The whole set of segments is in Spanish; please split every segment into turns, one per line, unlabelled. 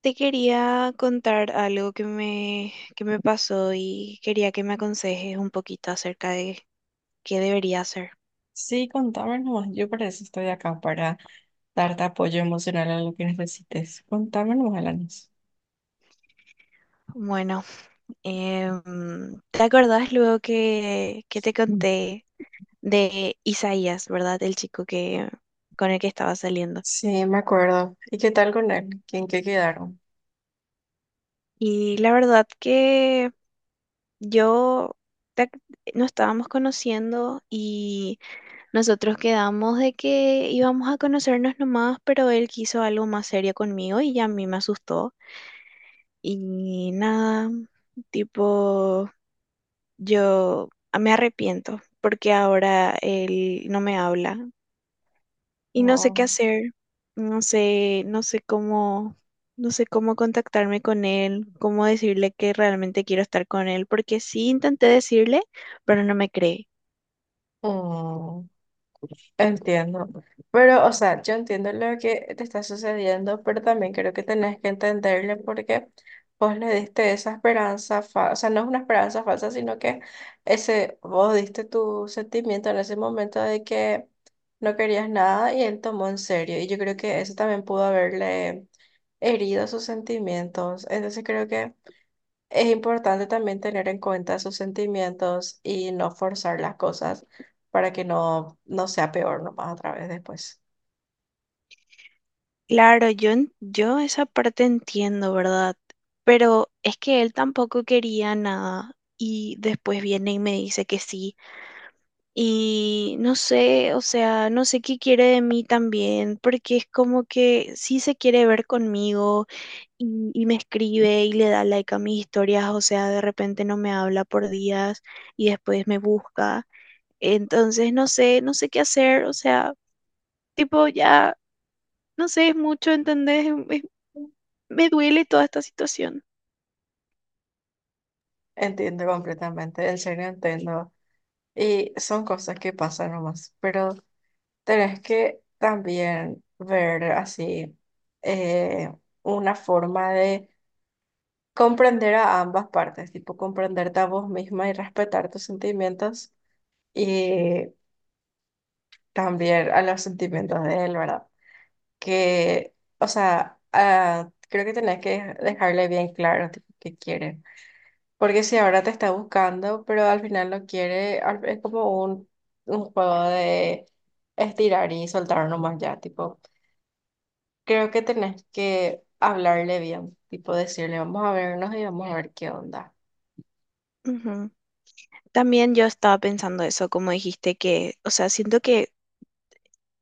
Te quería contar algo que me pasó y quería que me aconsejes un poquito acerca de qué debería hacer.
Sí, contame nomás. Yo para eso estoy acá, para darte apoyo emocional a lo que necesites. Contame nomás, Alanis.
Bueno, ¿te acordás luego que te
Mm.
conté de Isaías? ¿Verdad? El chico que, con el que estaba saliendo.
Sí, me acuerdo. ¿Y qué tal con él? ¿Quién qué quedaron?
Y la verdad que yo te ac- nos estábamos conociendo y nosotros quedamos de que íbamos a conocernos nomás, pero él quiso algo más serio conmigo y ya a mí me asustó. Y nada, tipo, me arrepiento porque ahora él no me habla y no sé qué hacer, no sé cómo, no sé cómo contactarme con él, cómo decirle que realmente quiero estar con él, porque sí intenté decirle, pero no me cree.
Oh. Entiendo, pero o sea, yo entiendo lo que te está sucediendo, pero también creo que tenés que entenderle porque vos le diste esa esperanza falsa, o sea, no es una esperanza falsa, sino que ese, vos diste tu sentimiento en ese momento de que no querías nada y él tomó en serio, y yo creo que eso también pudo haberle herido sus sentimientos, entonces creo que es importante también tener en cuenta sus sentimientos y no forzar las cosas para que no sea peor nomás otra vez después.
Claro, yo esa parte entiendo, ¿verdad? Pero es que él tampoco quería nada y después viene y me dice que sí. Y no sé, o sea, no sé qué quiere de mí también, porque es como que sí se quiere ver conmigo y me escribe y le da like a mis historias. O sea, de repente no me habla por días y después me busca. Entonces, no sé, no sé qué hacer, o sea, tipo ya, no sé, es mucho, ¿entendés? Me duele toda esta situación.
Entiendo completamente, en serio entiendo. Y son cosas que pasan nomás, pero tenés que también ver así eh, una forma de comprender a ambas partes, tipo comprenderte a vos misma y respetar tus sentimientos y también a los sentimientos de él, ¿verdad? Que, o sea, ah, creo que tenés que dejarle bien claro tipo, qué quiere. Porque si ahora te está buscando, pero al final no quiere, es como un juego de estirar y soltar nomás ya, tipo, creo que tenés que hablarle bien, tipo decirle, vamos a vernos y vamos a ver qué onda.
Ujú. También yo estaba pensando eso, como dijiste, que, o sea, siento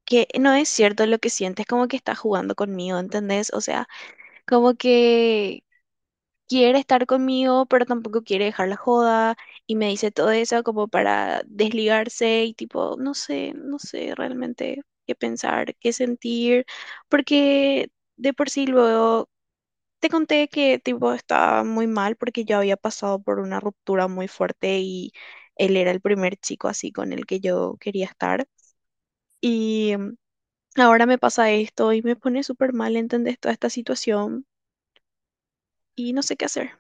que no es cierto lo que sientes, como que estás jugando conmigo, ¿entendés? O sea, como que quiere estar conmigo, pero tampoco quiere dejar la joda y me dice todo eso como para desligarse y tipo, no sé, no sé realmente qué pensar, qué sentir, porque de por sí luego te conté que tipo estaba muy mal porque yo había pasado por una ruptura muy fuerte y él era el primer chico así con el que yo quería estar. Y mm, ahora me pasa esto y me pone súper mal, ¿entendés? Toda esta situación y no sé qué hacer.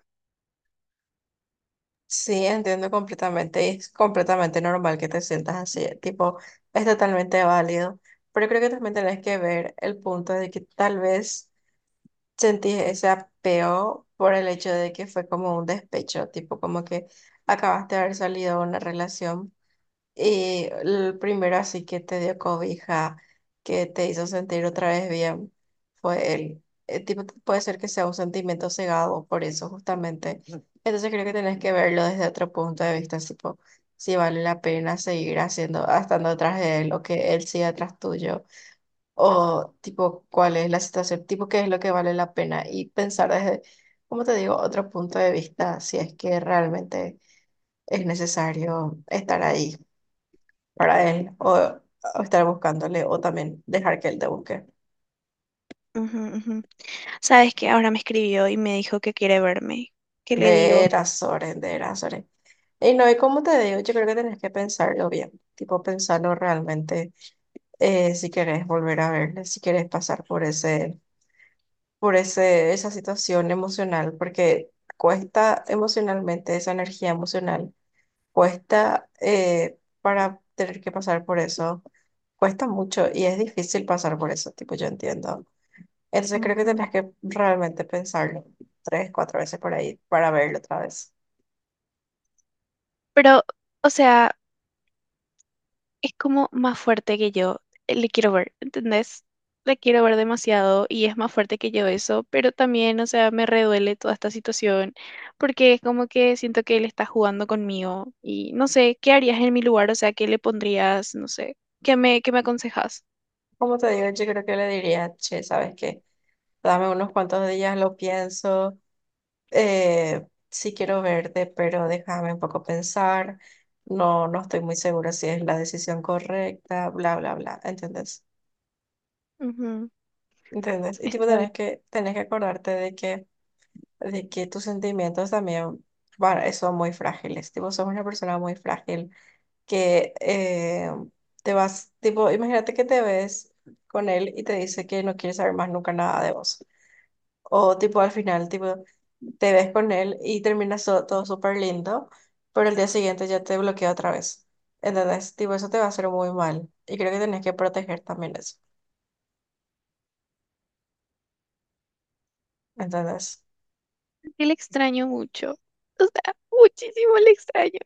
Sí, entiendo completamente, y es completamente normal que te sientas así, tipo, es totalmente válido, pero creo que también tenés que ver el punto de que tal vez sentí ese apeo por el hecho de que fue como un despecho, tipo como que acabaste de haber salido de una relación y el primero así que te dio cobija, que te hizo sentir otra vez bien, fue él. Tipo, puede ser que sea un sentimiento cegado por eso justamente. Ujú. Entonces creo que tenés que verlo desde otro punto de vista, tipo, si vale la pena seguir haciendo, estando atrás de él o que él siga atrás tuyo o tipo cuál es la situación, tipo qué es lo que vale la pena y pensar desde, como te digo, otro punto de vista, si es que realmente es necesario estar ahí para él o estar buscándole o también dejar que él te busque.
Ujú, ujú. Sabes que ahora me escribió y me dijo que quiere verme. ¿Qué le
De
digo?
Erasores, de Erasores. Y no, y como te digo, yo creo que tenés que pensarlo bien, tipo pensarlo realmente, si querés volver a verle, si querés pasar por ese esa situación emocional, porque cuesta emocionalmente, esa energía emocional, cuesta para tener que pasar por eso, cuesta mucho y es difícil pasar por eso, tipo, yo entiendo. Entonces creo que
Ujú.
tenés que realmente pensarlo tres, cuatro veces por ahí para verlo otra vez.
Pero, o sea, es como más fuerte que yo. Le quiero ver, ¿entendés? Le quiero ver demasiado y es más fuerte que yo eso, pero también, o sea, me reduele toda esta situación porque es como que siento que él está jugando conmigo y no sé, ¿qué harías en mi lugar? O sea, ¿qué le pondrías? No sé, ¿qué me aconsejas?
Como te digo, yo creo que le diría, che, ¿sabes qué? Dame unos cuantos días, lo pienso. Sí quiero verte, pero déjame un poco pensar. No, no estoy muy segura si es la decisión correcta, bla, bla, bla. ¿Entendés?
Ujú.
¿Entendés? Y tipo
Está bien.
tenés que acordarte de que tus sentimientos también son muy frágiles. Tipo, sos una persona muy frágil que te vas, tipo, imagínate que te ves con él y te dice que no quiere saber más nunca nada de vos. O tipo al final, tipo, te ves con él y terminas todo súper lindo, pero el día siguiente ya te bloquea otra vez. Entonces, tipo, eso te va a hacer muy mal. Y creo que tenés que proteger también eso. Entonces,
Que le extraño mucho. O sea, muchísimo le extraño.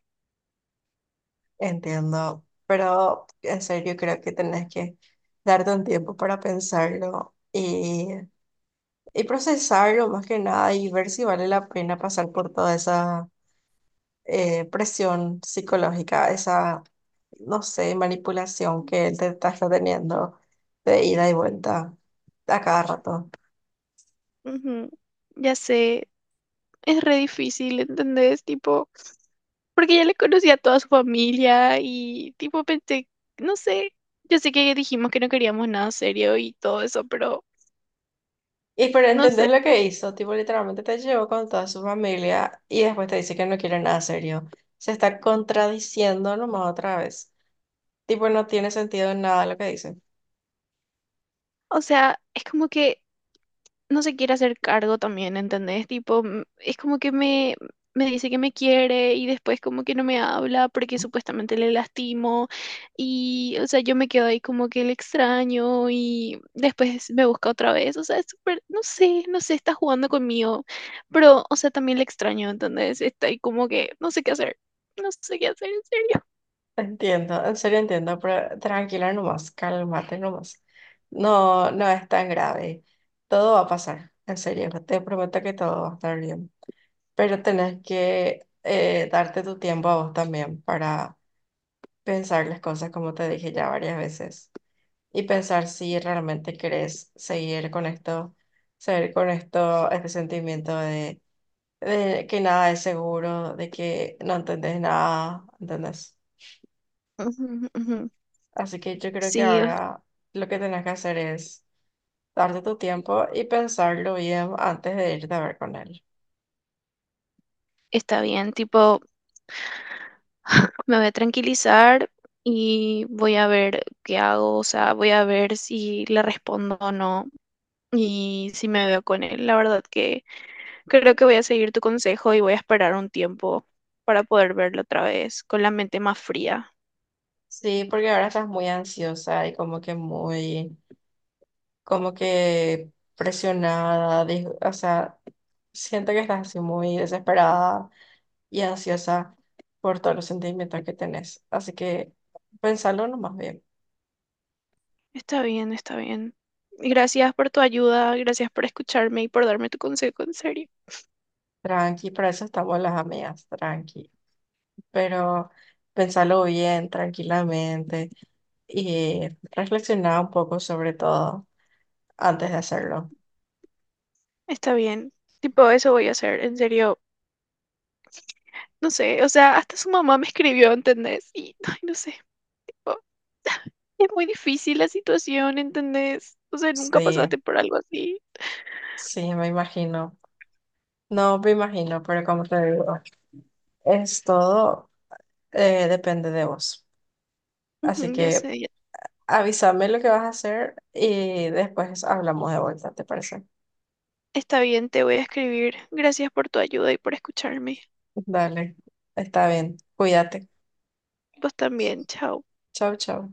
entiendo, pero en serio creo que tenés que darte un tiempo para pensarlo y procesarlo más que nada y ver si vale la pena pasar por toda esa presión psicológica, esa no sé, manipulación que él te está teniendo de ida y vuelta a cada rato.
Ujú, ya sé, es re difícil, ¿entendés? Tipo, porque ya le conocía a toda su familia y tipo pensé, no sé, yo sé que dijimos que no queríamos nada serio y todo eso, pero
Y pero
no sé,
entendés lo que hizo, tipo literalmente te llevó con toda su familia y después te dice que no quiere nada serio. Se está contradiciendo nomás otra vez. Tipo, no tiene sentido en nada lo que dice.
o sea, es como que no se quiere hacer cargo también, ¿entendés? Tipo, es como que me dice que me quiere y después como que no me habla porque supuestamente le lastimo y, o sea, yo me quedo ahí como que le extraño y después me busca otra vez. O sea, es súper, no sé, está jugando conmigo, pero, o sea, también le extraño, ¿entendés? Está ahí como que no sé qué hacer, no sé qué hacer, en serio.
Entiendo, en serio entiendo, pero tranquila nomás, cálmate nomás. No, no es tan grave. Todo va a pasar, en serio, te prometo que todo va a estar bien. Pero tenés que darte tu tiempo a vos también para pensar las cosas, como te dije ya varias veces, y pensar si realmente querés seguir con esto, este sentimiento de que nada es seguro, de que no entendés nada, ¿entendés?
Ujú, ujú.
Así que yo creo que
Sí,
ahora lo que tenés que hacer es darte tu tiempo y pensarlo bien antes de irte a ver con él.
está bien, tipo... Me voy a tranquilizar y voy a ver qué hago, o sea, voy a ver si le respondo o no y si me veo con él. La verdad que creo que voy a seguir tu consejo y voy a esperar un tiempo para poder verlo otra vez con la mente más fría.
Sí, porque ahora estás muy ansiosa y como que muy como que presionada, o sea, siento que estás así muy desesperada y ansiosa por todos los sentimientos que tenés. Así que pensalo nomás bien.
Está bien, está bien. Gracias por tu ayuda, gracias por escucharme y por darme tu consejo, en serio.
Tranqui, para eso estamos las amigas, tranqui. Pero pensalo bien, tranquilamente y reflexiona un poco sobre todo antes de hacerlo.
Está bien. Tipo, eso voy a hacer, en serio. No sé, o sea, hasta su mamá me escribió, ¿entendés? Y, ay, no sé. Es muy difícil la situación, ¿entendés? O sea, nunca
Sí,
pasaste por algo así.
sí, me imagino. No, me imagino, pero como te digo, es todo, depende de vos. Así
Ujú, ya
que
sé, ya.
avísame lo que vas a hacer y después hablamos de vuelta, ¿te parece?
Está bien, te voy a escribir. Gracias por tu ayuda y por escucharme.
Dale, está bien. Cuídate.
Vos también, chao.
Chau, chau.